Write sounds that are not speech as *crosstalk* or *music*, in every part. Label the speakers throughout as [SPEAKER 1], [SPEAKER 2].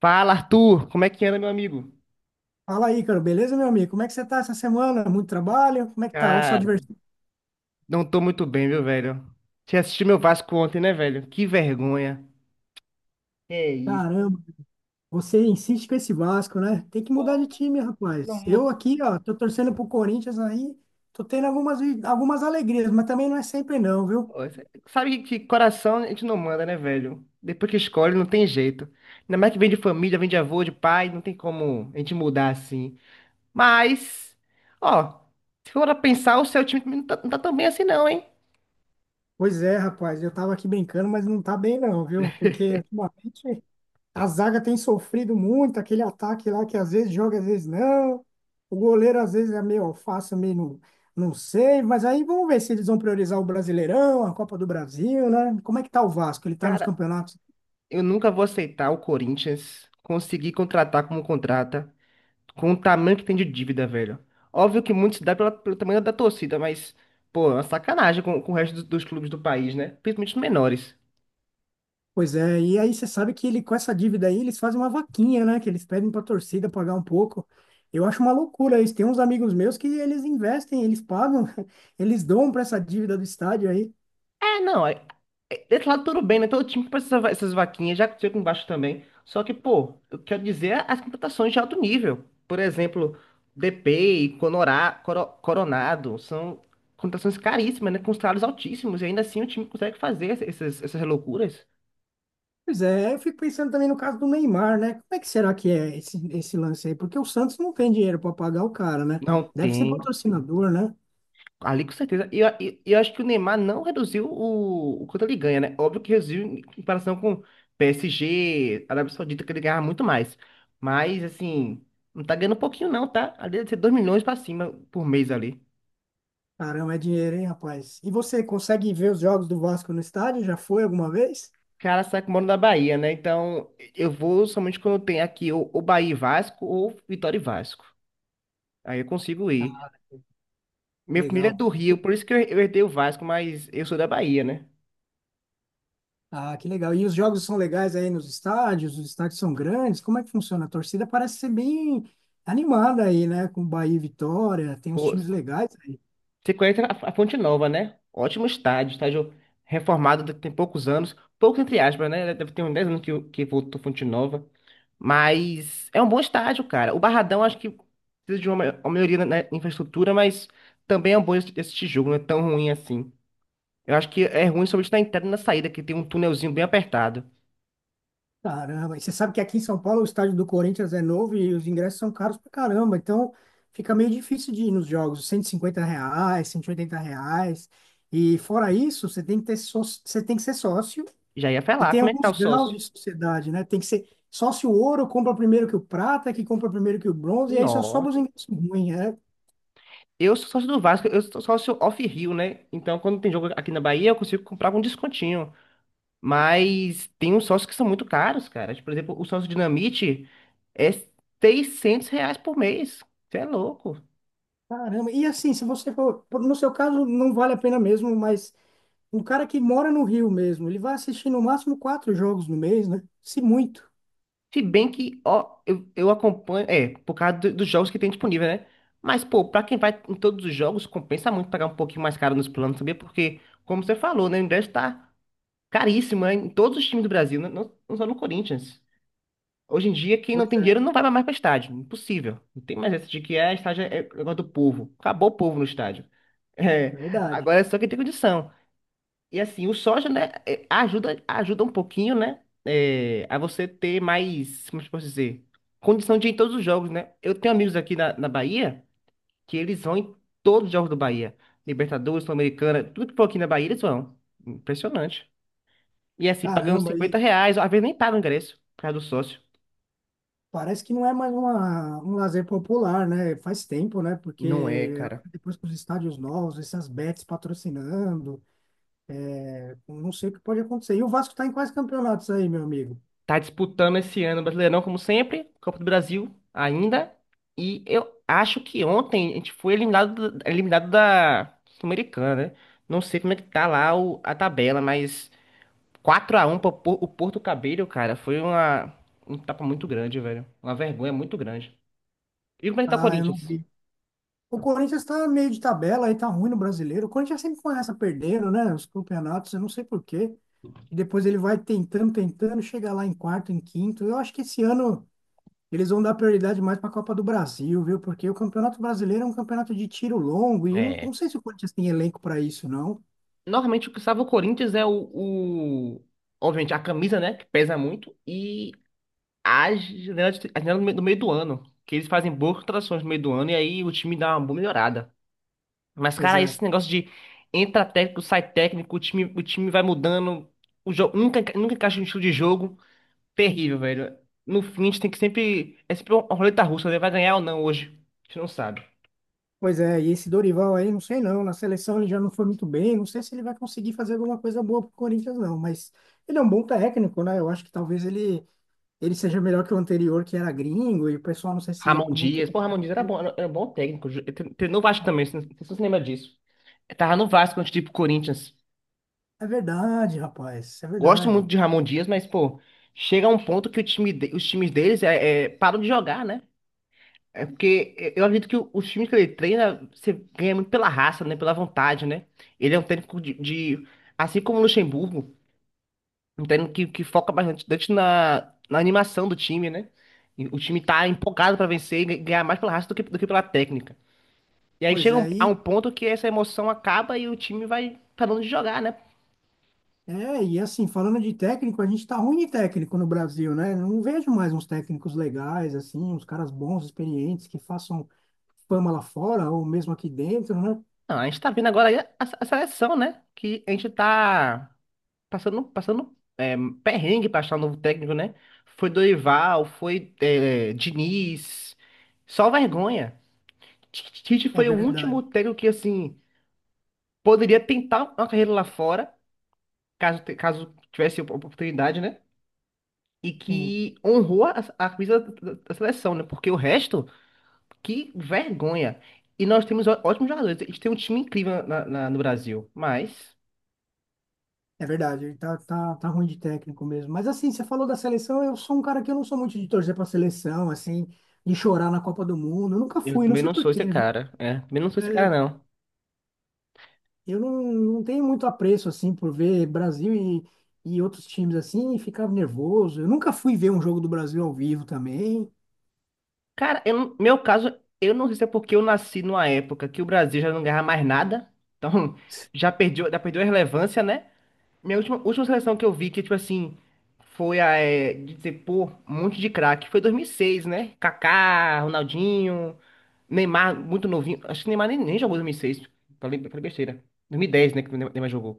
[SPEAKER 1] Fala, Arthur! Como é que anda, meu amigo?
[SPEAKER 2] Fala aí, cara, beleza, meu amigo? Como é que você tá essa semana? Muito trabalho? Como é que tá? Ou só
[SPEAKER 1] Cara,
[SPEAKER 2] diversão?
[SPEAKER 1] não tô muito bem, viu, velho? Você assistiu meu Vasco ontem, né, velho? Que vergonha. É isso.
[SPEAKER 2] Caramba, você insiste com esse Vasco, né? Tem que mudar de
[SPEAKER 1] Pô,
[SPEAKER 2] time,
[SPEAKER 1] não,
[SPEAKER 2] rapaz. Eu
[SPEAKER 1] não-
[SPEAKER 2] aqui, ó, tô torcendo pro Corinthians aí, tô tendo algumas alegrias, mas também não é sempre não, viu?
[SPEAKER 1] Sabe que coração a gente não manda, né, velho? Depois que escolhe, não tem jeito. Ainda mais que vem de família, vem de avô, de pai, não tem como a gente mudar assim. Mas, ó, se for pra pensar, o seu time não tá tão bem assim, não, hein?
[SPEAKER 2] Pois é, rapaz, eu tava aqui brincando, mas não tá bem não, viu? Porque ultimamente a zaga tem sofrido muito, aquele ataque lá que às vezes joga, às vezes não. O goleiro às vezes é meio alface, meio não, não sei. Mas aí vamos ver se eles vão priorizar o Brasileirão, a Copa do Brasil, né? Como é que tá o Vasco? Ele tá nos
[SPEAKER 1] Cara,
[SPEAKER 2] campeonatos?
[SPEAKER 1] eu nunca vou aceitar o Corinthians conseguir contratar como contrata, com o tamanho que tem de dívida, velho. Óbvio que muito se dá pelo tamanho da torcida, mas, pô, é uma sacanagem com o resto dos clubes do país, né? Principalmente os menores.
[SPEAKER 2] Pois é, e aí você sabe que ele com essa dívida aí, eles fazem uma vaquinha, né? Que eles pedem pra torcida pagar um pouco. Eu acho uma loucura isso. Tem uns amigos meus que eles investem, eles pagam, *laughs* eles dão pra essa dívida do estádio aí.
[SPEAKER 1] É, não, é, é- Desse lado tudo bem, né? Todo time que precisa essas vaquinhas, já aconteceu com o Vasco também. Só que, pô, eu quero dizer é as contratações de alto nível. Por exemplo, DP, Conorá, Coronado, são contratações caríssimas, né? Com salários altíssimos, e ainda assim o time consegue fazer essas loucuras.
[SPEAKER 2] Pois é, eu fico pensando também no caso do Neymar, né? Como é que será que é esse lance aí? Porque o Santos não tem dinheiro para pagar o cara, né?
[SPEAKER 1] Não
[SPEAKER 2] Deve ser
[SPEAKER 1] tem.
[SPEAKER 2] patrocinador, né?
[SPEAKER 1] Ali com certeza. E eu acho que o Neymar não reduziu o quanto ele ganha, né? Óbvio que reduziu em comparação com PSG, Arábia Saudita, que ele ganhava muito mais. Mas, assim, não tá ganhando pouquinho, não, tá? Ali deve ser 2 milhões pra cima por mês ali.
[SPEAKER 2] Caramba, é dinheiro, hein, rapaz? E você consegue ver os jogos do Vasco no estádio? Já foi alguma vez?
[SPEAKER 1] Cara, sabe que eu moro na Bahia, né? Então, eu vou somente quando tem aqui ou Bahia e Vasco ou Vitória e Vasco. Aí eu consigo ir.
[SPEAKER 2] Ah,
[SPEAKER 1] Minha família é
[SPEAKER 2] legal.
[SPEAKER 1] do Rio, por isso que eu herdei o Vasco, mas eu sou da Bahia, né?
[SPEAKER 2] Ah, que legal. E os jogos são legais aí nos estádios? Os estádios são grandes? Como é que funciona? A torcida parece ser bem animada aí, né? Com Bahia e Vitória, tem uns
[SPEAKER 1] Pô,
[SPEAKER 2] times legais.
[SPEAKER 1] você conhece a Fonte Nova, né? Ótimo estádio, estádio reformado tem poucos anos, poucos entre aspas, né? Deve ter uns 10 anos que, que voltou Fonte Nova. Mas é um bom estádio, cara. O Barradão acho que precisa de uma, uma melhoria na infraestrutura, mas também é um bom esse tijolo, não é tão ruim assim. Eu acho que é ruim somente na entrada e na saída, que tem um túnelzinho bem apertado.
[SPEAKER 2] Caramba, e você sabe que aqui em São Paulo o estádio do Corinthians é novo e os ingressos são caros pra caramba, então fica meio difícil de ir nos jogos, R$ 150, R$ 180, e fora isso, você tem que ter sócio, você tem que ser sócio,
[SPEAKER 1] Já ia
[SPEAKER 2] e
[SPEAKER 1] falar,
[SPEAKER 2] tem
[SPEAKER 1] como é que tá
[SPEAKER 2] alguns
[SPEAKER 1] o
[SPEAKER 2] graus
[SPEAKER 1] sócio?
[SPEAKER 2] de sociedade, né? Tem que ser sócio ouro, compra primeiro que o prata, que compra primeiro que o bronze, e aí só sobra
[SPEAKER 1] Nossa.
[SPEAKER 2] os ingressos ruins, né?
[SPEAKER 1] Eu sou sócio do Vasco, eu sou sócio off-Rio, né? Então, quando tem jogo aqui na Bahia, eu consigo comprar com descontinho. Mas tem uns sócios que são muito caros, cara. Tipo, por exemplo, o sócio Dinamite é R$ 600 por mês. Você é louco.
[SPEAKER 2] Caramba, e assim, se você for, no seu caso não vale a pena mesmo, mas um cara que mora no Rio mesmo, ele vai assistir no máximo 4 jogos no mês, né? Se muito.
[SPEAKER 1] Se bem que, ó, eu acompanho, é, por causa dos jogos que tem disponível, né? Mas, pô, pra quem vai em todos os jogos, compensa muito pagar um pouquinho mais caro nos planos, sabia? Porque, como você falou, né, o ingresso tá caríssimo, né, em todos os times do Brasil, não só no Corinthians. Hoje em dia, quem não
[SPEAKER 2] Pois
[SPEAKER 1] tem dinheiro
[SPEAKER 2] é,
[SPEAKER 1] não vai mais para estádio. Impossível. Não tem mais essa de que é estádio é negócio do povo. Acabou o povo no estádio. *laughs*
[SPEAKER 2] é
[SPEAKER 1] É,
[SPEAKER 2] verdade.
[SPEAKER 1] agora é só quem tem condição. E assim, o soja, né, é, ajuda um pouquinho, né, é, a você ter mais, como eu posso dizer, condição de ir em todos os jogos, né? Eu tenho amigos aqui na Bahia que eles vão em todos os jogos do Bahia. Libertadores, Sul-Americana, tudo que for aqui na Bahia eles vão. Impressionante. E assim, pagando
[SPEAKER 2] Caramba,
[SPEAKER 1] 50
[SPEAKER 2] e
[SPEAKER 1] reais, às vezes nem paga o ingresso, por causa do sócio.
[SPEAKER 2] parece que não é mais um lazer popular, né? Faz tempo, né?
[SPEAKER 1] Não é,
[SPEAKER 2] Porque
[SPEAKER 1] cara.
[SPEAKER 2] depois com os estádios novos, essas bets patrocinando, não sei o que pode acontecer. E o Vasco tá em quais campeonatos aí, meu amigo?
[SPEAKER 1] Tá disputando esse ano o Brasileirão, como sempre, Copa do Brasil ainda. E eu acho que ontem a gente foi eliminado, eliminado da Sul-Americana, né? Não sei como é que tá lá a tabela, mas 4-1 pro o Porto Cabello, cara, foi uma, um tapa muito grande, velho. Uma vergonha muito grande. E como é que tá o
[SPEAKER 2] Ah, eu não
[SPEAKER 1] Corinthians?
[SPEAKER 2] vi. O Corinthians tá meio de tabela aí, tá ruim no brasileiro. O Corinthians sempre começa perdendo, né? Os campeonatos, eu não sei por quê. E depois ele vai tentando, tentando, chega lá em quarto, em quinto. Eu acho que esse ano eles vão dar prioridade mais para a Copa do Brasil, viu? Porque o Campeonato Brasileiro é um campeonato de tiro longo e eu
[SPEAKER 1] É.
[SPEAKER 2] não sei se o Corinthians tem elenco para isso, não.
[SPEAKER 1] Normalmente o que salva o Corinthians é o- obviamente, a camisa, né? Que pesa muito. E a janela, a janela do meio do ano. Que eles fazem boas contratações no meio do ano e aí o time dá uma boa melhorada. Mas,
[SPEAKER 2] Pois
[SPEAKER 1] cara,
[SPEAKER 2] é.
[SPEAKER 1] esse negócio de entra técnico, sai técnico, o time vai mudando, o jogo nunca, nunca encaixa no estilo de jogo. Terrível, velho. No fim, a gente tem que sempre. É sempre uma roleta russa, né? Vai ganhar ou não hoje? A gente não sabe.
[SPEAKER 2] Pois é, e esse Dorival aí, não sei não, na seleção ele já não foi muito bem, não sei se ele vai conseguir fazer alguma coisa boa pro Corinthians não, mas ele é um bom técnico, né? Eu acho que talvez ele seja melhor que o anterior, que era gringo, e o pessoal não sei se ia
[SPEAKER 1] Ramon
[SPEAKER 2] muito.
[SPEAKER 1] Dias. Pô, Ramon Dias era bom, era um bom técnico. Ele treinou o Vasco também, você não se lembra disso. Tava no Vasco antes de ir pro Corinthians.
[SPEAKER 2] É verdade, rapaz, é
[SPEAKER 1] Gosto muito
[SPEAKER 2] verdade.
[SPEAKER 1] de Ramon Dias, mas, pô, chega um ponto que o time os times deles param de jogar, né? É porque eu acredito que os times que ele treina, você ganha muito pela raça, né? Pela vontade, né? Ele é um técnico assim como o Luxemburgo, um técnico que foca bastante na animação do time, né? E o time tá empolgado pra vencer e ganhar mais pela raça do que pela técnica. E aí
[SPEAKER 2] Pois
[SPEAKER 1] chega
[SPEAKER 2] é,
[SPEAKER 1] a um
[SPEAKER 2] e
[SPEAKER 1] ponto que essa emoção acaba e o time vai parando de jogar, né?
[SPEAKER 2] é, e assim, falando de técnico, a gente tá ruim de técnico no Brasil, né? Não vejo mais uns técnicos legais, assim, uns caras bons, experientes, que façam fama lá fora ou mesmo aqui dentro, né?
[SPEAKER 1] Não, a gente tá vendo agora a seleção, né? Que a gente tá passando, passando perrengue para achar um novo técnico, né? Foi Dorival, foi Diniz, só vergonha. Tite
[SPEAKER 2] É
[SPEAKER 1] foi o
[SPEAKER 2] verdade,
[SPEAKER 1] último técnico que, assim, poderia tentar uma carreira lá fora, caso, caso tivesse oportunidade, né? E
[SPEAKER 2] sim,
[SPEAKER 1] que honrou a camisa da seleção, né? Porque o resto, que vergonha. E nós temos ótimos jogadores. A gente tem um time incrível no Brasil. Mas
[SPEAKER 2] é verdade, ele tá ruim de técnico mesmo. Mas assim, você falou da seleção, eu sou um cara que eu não sou muito de torcer pra seleção, assim, de chorar na Copa do Mundo, eu nunca
[SPEAKER 1] eu
[SPEAKER 2] fui, não
[SPEAKER 1] também
[SPEAKER 2] sei
[SPEAKER 1] não
[SPEAKER 2] por
[SPEAKER 1] sou
[SPEAKER 2] quê,
[SPEAKER 1] esse
[SPEAKER 2] viu?
[SPEAKER 1] cara, né? Também não sou esse
[SPEAKER 2] É,
[SPEAKER 1] cara.
[SPEAKER 2] eu não tenho muito apreço, assim, por ver Brasil e outros times assim, e ficava nervoso. Eu nunca fui ver um jogo do Brasil ao vivo também.
[SPEAKER 1] Cara, eu, não- meu caso, eu não sei se é porque eu nasci numa época que o Brasil já não ganhava mais nada, *laughs* então já perdeu a relevância, né? Minha última seleção que eu vi que, tipo assim, foi a, é, de dizer, pô, um monte de craque, foi 2006, né? Kaká, Ronaldinho, Neymar, muito novinho. Acho que Neymar nem jogou em 2006. Falei, falei besteira. 2010, né? Que o Neymar jogou.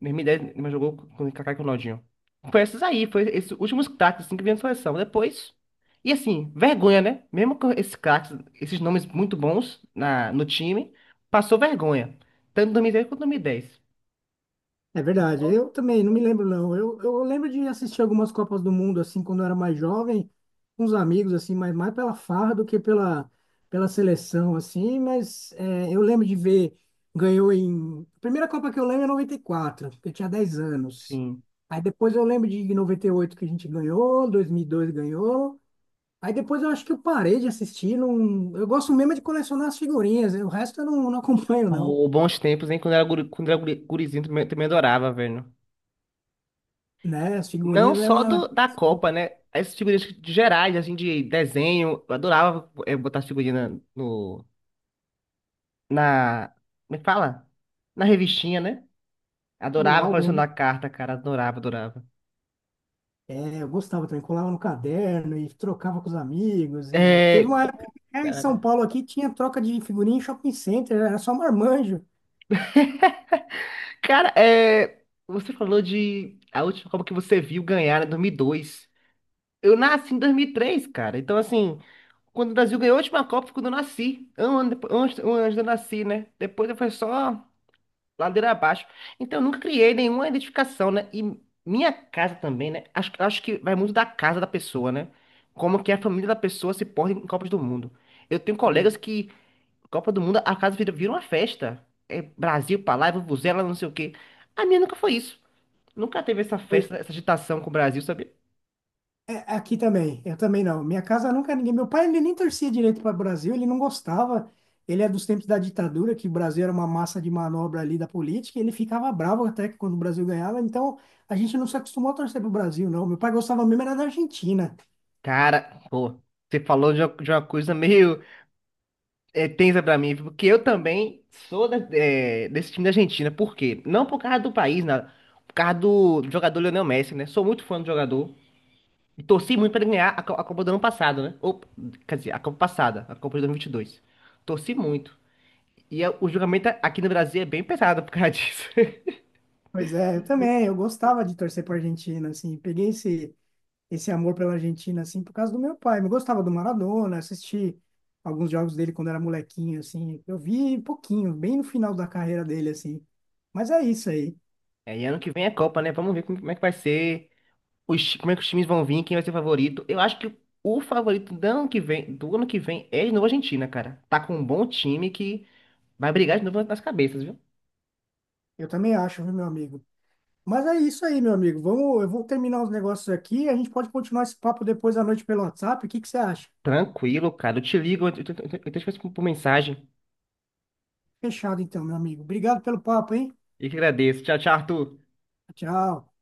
[SPEAKER 1] 2010, Neymar jogou com o Kaká e com o Ronaldinho. Foi esses aí, foi esses últimos craques assim, que vieram na seleção. Depois. E assim, vergonha, né? Mesmo com esses craques, esses nomes muito bons na, no time, passou vergonha. Tanto em 2010 quanto em 2010.
[SPEAKER 2] É verdade, eu também não me lembro, não. Eu lembro de assistir algumas Copas do Mundo, assim, quando eu era mais jovem, com os amigos, assim, mas mais pela farra do que pela seleção, assim. Mas é, eu lembro de ver, ganhou em. A primeira Copa que eu lembro é 94, porque eu tinha 10 anos.
[SPEAKER 1] Sim.
[SPEAKER 2] Aí depois eu lembro de 98 que a gente ganhou, 2002 ganhou. Aí depois eu acho que eu parei de assistir. Não... Eu gosto mesmo é de colecionar as figurinhas. O resto eu não acompanho, não.
[SPEAKER 1] Pô, bons tempos, hein? Quando era, guri, quando era gurizinho, também, também adorava, velho.
[SPEAKER 2] Né? As
[SPEAKER 1] Não
[SPEAKER 2] figurinhas é
[SPEAKER 1] só
[SPEAKER 2] uma
[SPEAKER 1] da Copa, né? As figurinhas de gerais, assim, de desenho. Eu adorava botar as figurinhas na- no, na. Me fala? Na revistinha, né?
[SPEAKER 2] do
[SPEAKER 1] Adorava
[SPEAKER 2] álbum, né?
[SPEAKER 1] colecionar carta, cara. Adorava, adorava.
[SPEAKER 2] É, eu gostava também, colava no caderno e trocava com os amigos. E teve
[SPEAKER 1] É.
[SPEAKER 2] uma
[SPEAKER 1] Pô,
[SPEAKER 2] época que, é, em São
[SPEAKER 1] Cara,
[SPEAKER 2] Paulo aqui tinha troca de figurinha em shopping center, era só marmanjo.
[SPEAKER 1] cara, é. Você falou de a última Copa que você viu ganhar, né? 2002. Eu nasci em 2003, cara. Então, assim, quando o Brasil ganhou a última Copa, foi quando eu nasci. Um ano depois, um ano antes de eu nasci, né? Depois foi só. Ladeira abaixo. Então, eu nunca criei nenhuma identificação, né? E minha casa também, né? Acho que vai muito da casa da pessoa, né? Como que a família da pessoa se porta em Copas do Mundo. Eu tenho colegas que, Copa do Mundo, a casa vira uma festa. É Brasil pra lá, é vuvuzela, não sei o quê. A minha nunca foi isso. Nunca teve essa
[SPEAKER 2] Foi-
[SPEAKER 1] festa, essa agitação com o Brasil, sabe?
[SPEAKER 2] É, aqui também, eu também não. Minha casa nunca ninguém. Meu pai ele nem torcia direito para o Brasil, ele não gostava. Ele é dos tempos da ditadura, que o Brasil era uma massa de manobra ali da política, e ele ficava bravo até que quando o Brasil ganhava. Então a gente não se acostumou a torcer para o Brasil, não. Meu pai gostava mesmo era da Argentina.
[SPEAKER 1] Cara, pô, você falou de uma coisa meio é tensa pra mim, porque eu também sou é, desse time da Argentina. Por quê? Não por causa do país, nada. Por causa do jogador Lionel Messi, né? Sou muito fã do jogador. E torci muito pra ele ganhar a, a Copa do ano passado, né? Ou, quer dizer, a Copa passada, a Copa de 2022. Torci muito. O julgamento aqui no Brasil é bem pesado por causa disso. *laughs*
[SPEAKER 2] Pois é, eu também, eu gostava de torcer para Argentina, assim, peguei esse amor pela Argentina, assim, por causa do meu pai. Eu gostava do Maradona, assisti alguns jogos dele quando era molequinho, assim. Eu vi pouquinho, bem no final da carreira dele, assim. Mas é isso aí.
[SPEAKER 1] É, e ano que vem é Copa, né? Vamos ver como, como é que vai ser, os, como é que os times vão vir, quem vai ser favorito. Eu acho que o favorito do ano que vem, do ano que vem é de novo a Argentina, cara. Tá com um bom time que vai brigar de novo nas cabeças, viu?
[SPEAKER 2] Eu também acho, viu, meu amigo? Mas é isso aí, meu amigo. Vamos, eu vou terminar os negócios aqui. E a gente pode continuar esse papo depois à noite pelo WhatsApp. O que que você acha?
[SPEAKER 1] Tranquilo, cara. Eu te ligo, eu te escrevo por mensagem.
[SPEAKER 2] Fechado, então, meu amigo. Obrigado pelo papo, hein?
[SPEAKER 1] E que agradeço. Tchau, tchau, Arthur.
[SPEAKER 2] Tchau.